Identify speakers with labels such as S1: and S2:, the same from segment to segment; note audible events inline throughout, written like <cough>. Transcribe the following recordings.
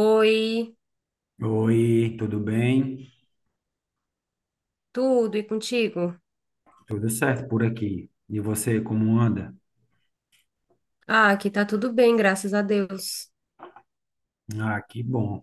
S1: Oi,
S2: Oi, tudo bem?
S1: tudo e contigo?
S2: Tudo certo por aqui. E você, como anda?
S1: Ah, aqui tá tudo bem, graças a Deus.
S2: Ah, que bom.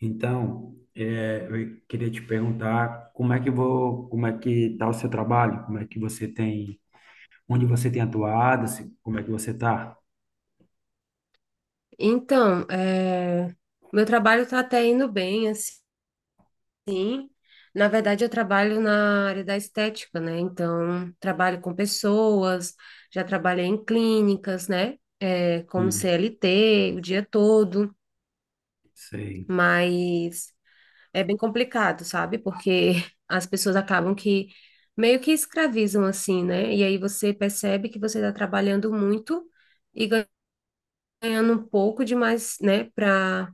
S2: Então, eu queria te perguntar como é que tá o seu trabalho? Como é que você tem, onde você tem atuado? Como é que você tá?
S1: Então, meu trabalho tá até indo bem, assim. Na verdade, eu trabalho na área da estética, né? Então, trabalho com pessoas, já trabalhei em clínicas, né? Como
S2: Sim,
S1: CLT o dia todo,
S2: sei.
S1: mas. É bem complicado, sabe? Porque as pessoas acabam que meio que escravizam assim, né? E aí você percebe que você está trabalhando muito e ganhando um pouco demais, né? Para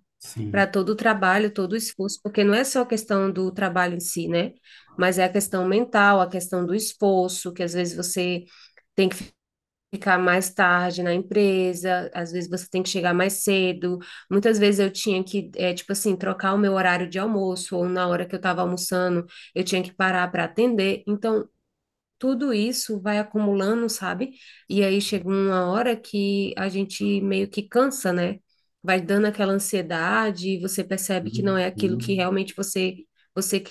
S1: para
S2: Sim.
S1: todo o trabalho, todo o esforço, porque não é só a questão do trabalho em si, né? Mas é a questão mental, a questão do esforço, que às vezes você tem que ficar mais tarde na empresa, às vezes você tem que chegar mais cedo. Muitas vezes eu tinha que, tipo assim, trocar o meu horário de almoço, ou na hora que eu estava almoçando, eu tinha que parar para atender. Então, tudo isso vai acumulando, sabe? E aí chega uma hora que a gente meio que cansa, né? Vai dando aquela ansiedade, e você percebe que não é aquilo que
S2: Sim.
S1: realmente você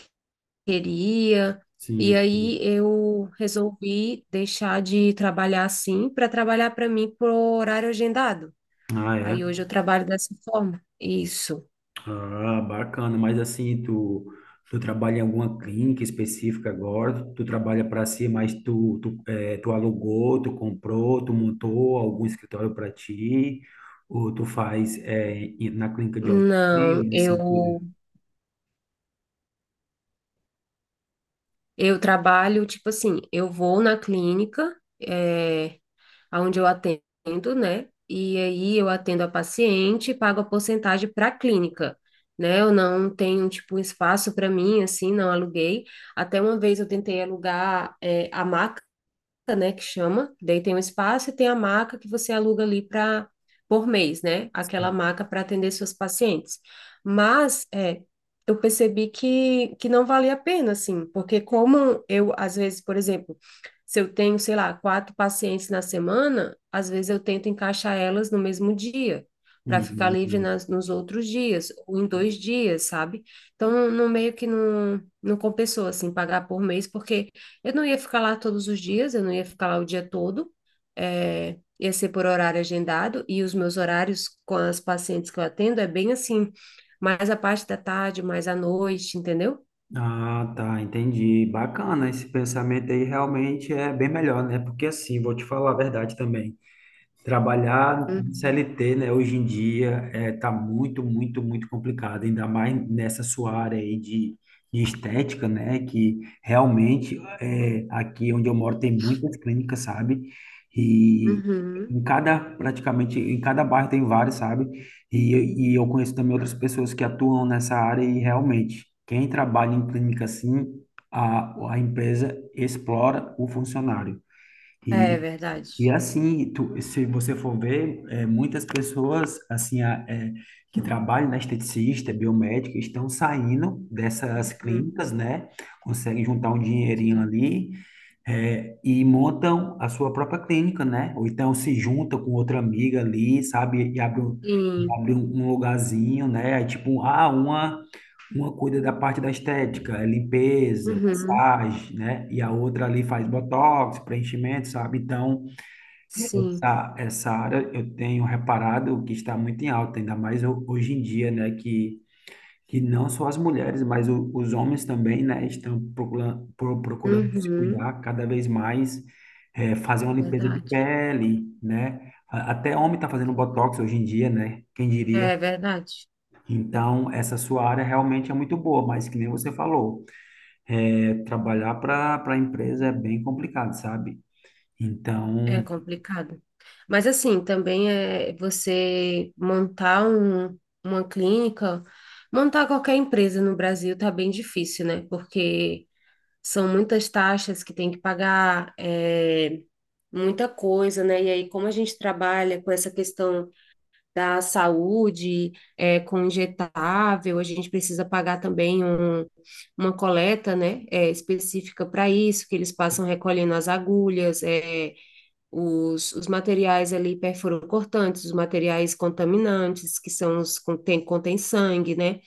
S1: queria. E
S2: Sim,
S1: aí
S2: sim.
S1: eu resolvi deixar de trabalhar assim para trabalhar para mim por horário agendado.
S2: Ah, é?
S1: Aí hoje eu trabalho dessa forma. Isso.
S2: Ah, bacana. Mas assim, tu trabalha em alguma clínica específica agora? Tu trabalha para si, mas tu alugou, tu comprou, tu montou algum escritório para ti? Ou tu faz na clínica de
S1: Não,
S2: alguém, nesse
S1: eu
S2: sentido?
S1: eu trabalho tipo assim, eu vou na clínica, é, onde eu atendo, né? E aí eu atendo a paciente, pago a porcentagem para a clínica, né? Eu não tenho tipo um espaço para mim assim, não aluguei. Até uma vez eu tentei alugar é, a maca né, que chama, daí tem um espaço e tem a maca que você aluga ali para por mês, né? Aquela maca para atender seus pacientes. Mas é, eu percebi que não valia a pena, assim, porque como eu, às vezes, por exemplo, se eu tenho, sei lá, quatro pacientes na semana, às vezes eu tento encaixar elas no mesmo dia, para ficar livre
S2: Uhum.
S1: nos outros dias, ou em 2 dias, sabe? Então, no meio que não compensou, assim, pagar por mês, porque eu não ia ficar lá todos os dias, eu não ia ficar lá o dia todo, ia ser por horário agendado, e os meus horários com as pacientes que eu atendo é bem assim, mais a parte da tarde, mais à noite, entendeu?
S2: Ah, tá, entendi. Bacana, esse pensamento aí realmente é bem melhor, né? Porque assim, vou te falar a verdade também. Trabalhar em
S1: Uhum.
S2: CLT, né, hoje em dia tá muito, muito, muito complicado, ainda mais nessa sua área aí de estética, né, que realmente aqui onde eu moro tem muitas clínicas, sabe? E em
S1: Uhum.
S2: cada, praticamente, em cada bairro tem várias, sabe? E eu conheço também outras pessoas que atuam nessa área e realmente, quem trabalha em clínica assim, a empresa explora o funcionário.
S1: É verdade.
S2: E assim, tu, se você for ver, muitas pessoas assim que trabalham na esteticista, biomédica, estão saindo dessas
S1: Uhum.
S2: clínicas, né? Conseguem juntar um dinheirinho
S1: Sim.
S2: ali, e montam a sua própria clínica, né? Ou então se juntam com outra amiga ali, sabe? E
S1: Sim.
S2: abre um lugarzinho, né? Aí, tipo, uma cuida da parte da estética, é limpeza,
S1: Uhum.
S2: massagem, né? E a outra ali faz botox, preenchimento, sabe? Então.
S1: Sim.
S2: Essa área eu tenho reparado que está muito em alta, ainda mais hoje em dia, né? Que não só as mulheres, mas os homens também, né? Estão procurando se
S1: Uhum.
S2: cuidar cada vez mais, fazer uma limpeza de
S1: Verdade.
S2: pele, né? A- Até homem está fazendo botox hoje em dia, né? Quem diria?
S1: É verdade.
S2: Então, essa sua área realmente é muito boa, mas que nem você falou, trabalhar para a empresa é bem complicado, sabe?
S1: É
S2: Então,
S1: complicado. Mas assim, também é você montar uma clínica, montar qualquer empresa no Brasil tá bem difícil, né? Porque são muitas taxas que tem que pagar, muita coisa, né? E aí, como a gente trabalha com essa questão da saúde, é, com injetável, a gente precisa pagar também uma coleta, né? É, específica para isso, que eles passam recolhendo as agulhas, é os materiais ali perfurocortantes, os materiais contaminantes, que são os que contêm sangue, né?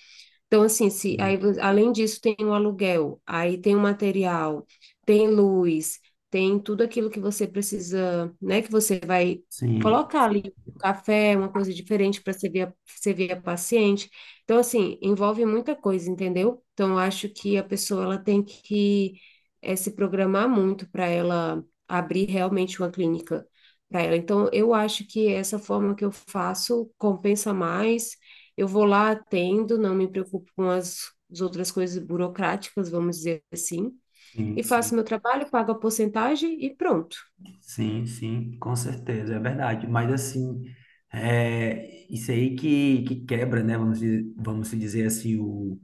S1: Então, assim, se, aí, além disso, tem o aluguel, aí tem o material, tem luz, tem tudo aquilo que você precisa, né? Que você vai
S2: sim,
S1: colocar ali um café, uma coisa diferente para servir a paciente. Então, assim, envolve muita coisa, entendeu? Então, eu acho que a pessoa ela tem que se programar muito para ela abrir realmente uma clínica para ela. Então, eu acho que essa forma que eu faço compensa mais eu vou lá, atendo, não me preocupo com as outras coisas burocráticas, vamos dizer assim,
S2: sim,
S1: e faço
S2: sim.
S1: meu trabalho, pago a porcentagem e pronto.
S2: Sim, sim, com certeza, é verdade. Mas assim, isso aí que quebra, né? Vamos se dizer assim,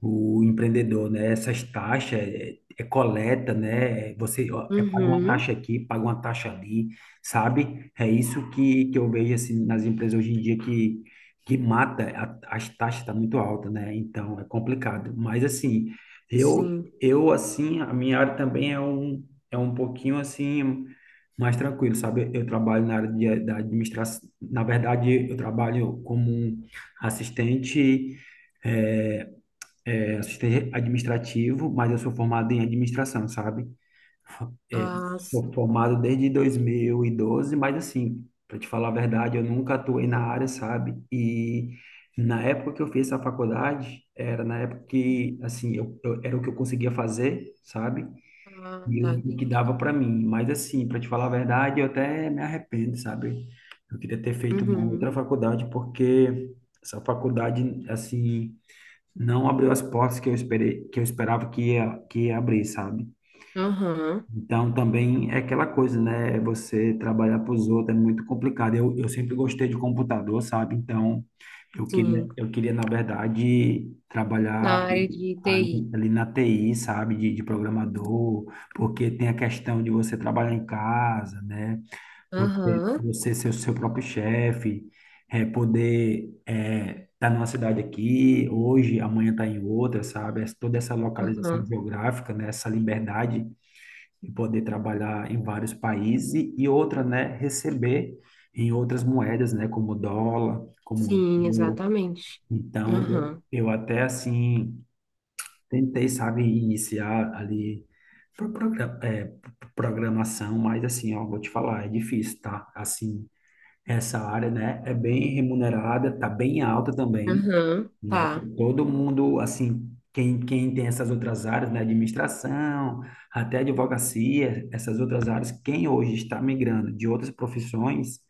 S2: o empreendedor, né? Essas taxas é coleta, né? Você ó, paga uma
S1: Uhum,
S2: taxa aqui, paga uma taxa ali, sabe? É isso que eu vejo assim nas empresas hoje em dia que mata as taxas tá muito alta, né? Então é complicado. Mas assim, eu
S1: sim.
S2: eu assim a minha área também é um pouquinho assim mais tranquilo, sabe? Eu trabalho na área da administração. Na verdade, eu trabalho como um assistente é, assistente administrativo, mas eu sou formado em administração, sabe? É,
S1: Ah,
S2: sou
S1: sim.
S2: formado desde 2012, mas assim, para te falar a verdade, eu nunca atuei na área, sabe? E na época que eu fiz essa faculdade, era na época que, assim, era o que eu conseguia fazer, sabe?
S1: Ah,
S2: E
S1: tá,
S2: o que
S1: entendi.
S2: dava para mim. Mas assim, para te falar a verdade, eu até me arrependo, sabe? Eu queria ter feito uma outra
S1: Uhum,
S2: faculdade, porque essa faculdade, assim não abriu as portas que eu esperei, que eu esperava que ia abrir, sabe?
S1: aham,
S2: Então também é aquela coisa, né? Você trabalhar para os outros é muito complicado. Eu sempre gostei de computador, sabe? Então
S1: sim.
S2: eu queria na verdade trabalhar
S1: Na área de TI.
S2: ali na TI, sabe? De programador, porque tem a questão de você trabalhar em casa, né?
S1: Aham,
S2: Você ser o seu próprio chefe, poder tá numa cidade aqui, hoje, amanhã tá em outra, sabe? Toda essa localização
S1: aham,
S2: geográfica, né? Essa liberdade de poder trabalhar em vários países e outra, né? Receber em outras moedas, né? Como dólar, como
S1: sim,
S2: euro.
S1: exatamente.
S2: Então,
S1: Aham,
S2: eu até, assim, tentei, sabe, iniciar ali pro- progra- é, programação, mas assim, ó, vou te falar, é difícil, tá? Assim, essa área, né, é bem remunerada, tá bem alta também,
S1: aham,
S2: né?
S1: tá,
S2: Todo mundo, assim, quem tem essas outras áreas, né, administração, até advocacia, essas outras áreas, quem hoje está migrando de outras profissões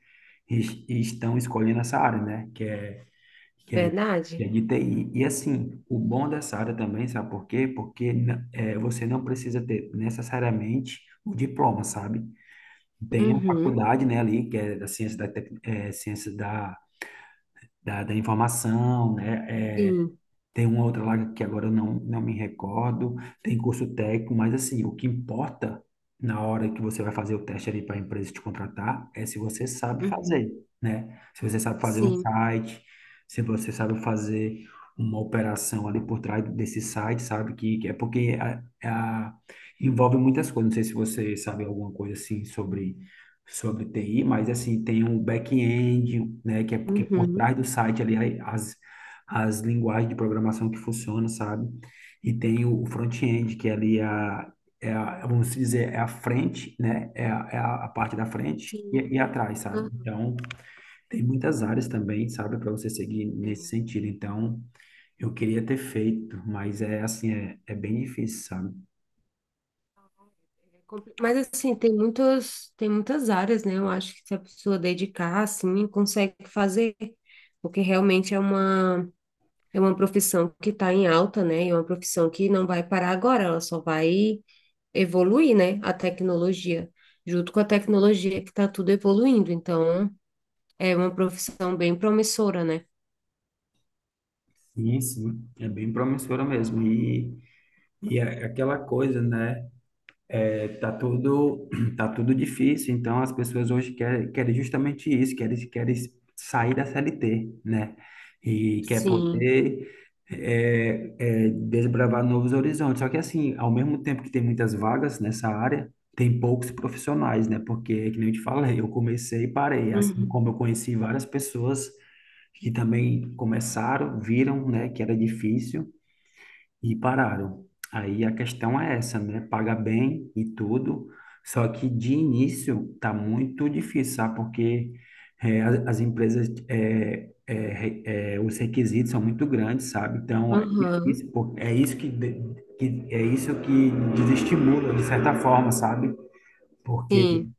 S2: estão escolhendo essa área, né, que é, que
S1: verdade?
S2: é de TI. E, assim, o bom dessa área também, sabe por quê? Porque você não precisa ter necessariamente o diploma, sabe? Tem a
S1: Uhum,
S2: faculdade, né, ali, que é da ciência da informação, né, é,
S1: sim,
S2: tem uma outra lá que agora eu não me recordo, tem curso técnico, mas assim, o que importa na hora que você vai fazer o teste ali para a empresa te contratar é se você sabe
S1: uhum,
S2: fazer, né? Se você sabe fazer um
S1: sim,
S2: site, se você sabe fazer uma operação ali por trás desse site, sabe? Que é porque a- envolve muitas coisas. Não sei se você sabe alguma coisa assim sobre TI, mas assim, tem um back-end, né? Que é porque por
S1: uhum,
S2: trás do site ali, aí, as linguagens de programação que funcionam, sabe? E tem o front-end, que ali vamos dizer, é a frente, né? É a parte da frente
S1: sim,
S2: e atrás, sabe? Então, tem muitas áreas também, sabe? Para você seguir nesse
S1: aham.
S2: sentido. Então, eu queria ter feito, mas é assim, é bem difícil, sabe?
S1: É compli- Mas assim, tem muitas áreas, né? Eu acho que se a pessoa dedicar, assim, consegue fazer, porque realmente é é uma profissão que está em alta, né? E é uma profissão que não vai parar agora, ela só vai evoluir, né? A tecnologia, junto com a tecnologia que está tudo evoluindo. Então, é uma profissão bem promissora, né?
S2: Sim, sim, é bem promissora mesmo. E é aquela coisa, né? Tá tudo, <clears throat> tá tudo difícil, então as pessoas hoje querem justamente isso, querem sair da CLT, né? E quer
S1: Sim.
S2: poder desbravar novos horizontes. Só que assim, ao mesmo tempo que tem muitas vagas nessa área, tem poucos profissionais, né? Porque, que nem eu te falei, eu comecei e parei, assim como eu
S1: Uhum.
S2: conheci várias pessoas que também começaram, viram, né, que era difícil e pararam. Aí a questão é essa, né? Paga bem e tudo, só que de início tá muito difícil, sabe? Porque as, as empresas, os requisitos são muito grandes, sabe? Então é
S1: Aham.
S2: difícil, pô. É isso que, de- que é isso que desestimula de certa forma, sabe? Porque
S1: Sim.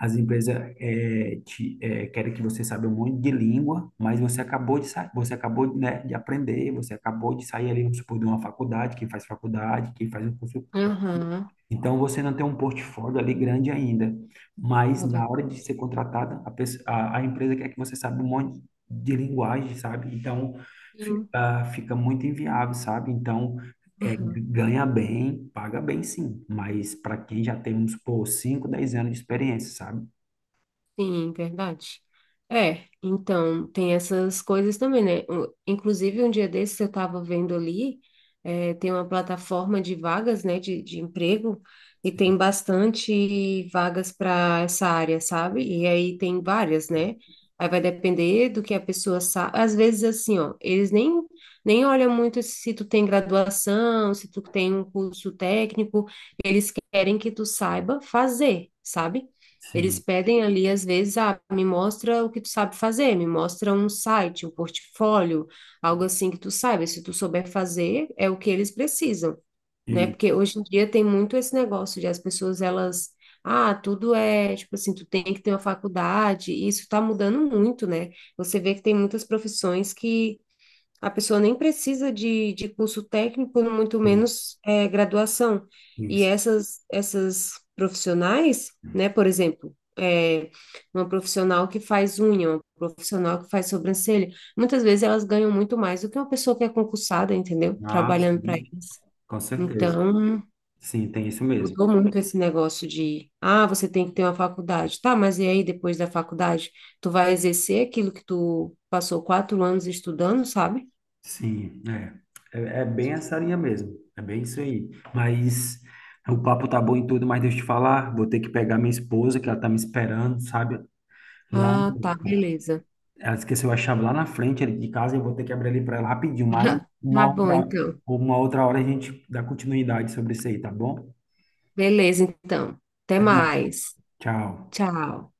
S2: as empresas querem que você saiba um monte de língua, mas você acabou de sair, você acabou, né, de aprender, você acabou de sair ali, vamos supor, de uma faculdade, quem faz um curso.
S1: Aham.
S2: Então, você não tem um portfólio ali grande ainda, mas
S1: Vou
S2: na
S1: ver.
S2: hora de ser contratada, a empresa quer que você saiba um monte de linguagem, sabe? Então,
S1: Sim.
S2: fica muito inviável, sabe? Então,
S1: Aham.
S2: ganha bem, paga bem sim, mas para quem já tem, vamos supor, 5, 10 anos de experiência, sabe?
S1: Sim, verdade. É, então tem essas coisas também, né? O- Inclusive, um dia desses eu estava vendo ali, tem uma plataforma de vagas, né, de emprego, e tem bastante vagas para essa área, sabe? E aí tem várias, né? Aí vai depender do que a pessoa sabe. Às vezes, assim, ó, eles nem, nem olham muito se tu tem graduação, se tu tem um curso técnico, eles querem que tu saiba fazer, sabe? Eles
S2: Sim,
S1: pedem ali, às vezes, ah, me mostra o que tu sabe fazer, me mostra um site, um portfólio, algo assim que tu saiba. Se tu souber fazer, é o que eles precisam, né?
S2: e,
S1: Porque hoje em dia tem muito esse negócio de as pessoas, elas, ah, tudo é, tipo assim, tu tem que ter uma faculdade, e isso tá mudando muito, né? Você vê que tem muitas profissões que a pessoa nem precisa de curso técnico, muito
S2: e-
S1: menos é, graduação. E
S2: isso.
S1: essas profissionais, né, por exemplo, é, uma profissional que faz unha, uma profissional que faz sobrancelha, muitas vezes elas ganham muito mais do que uma pessoa que é concursada, entendeu?
S2: Ah,
S1: Trabalhando para
S2: sim,
S1: eles.
S2: com certeza.
S1: Então,
S2: Sim, tem isso mesmo.
S1: mudou muito esse negócio de, ah, você tem que ter uma faculdade. Tá, mas e aí, depois da faculdade, tu vai exercer aquilo que tu passou 4 anos estudando, sabe?
S2: Sim, é. É, é bem essa linha mesmo. É bem isso aí. Mas o papo tá bom e tudo, mas deixa eu te falar, vou ter que pegar minha esposa, que ela tá me esperando, sabe? Lá,
S1: Ah, tá, beleza.
S2: ela esqueceu a chave lá na frente ali de casa, eu vou ter que abrir ali para ela rapidinho, mas
S1: <laughs> Tá
S2: uma
S1: bom,
S2: outra,
S1: então.
S2: uma outra hora a gente dá continuidade sobre isso aí, tá bom?
S1: Beleza, então. Até
S2: Até mais.
S1: mais.
S2: Tchau.
S1: Tchau.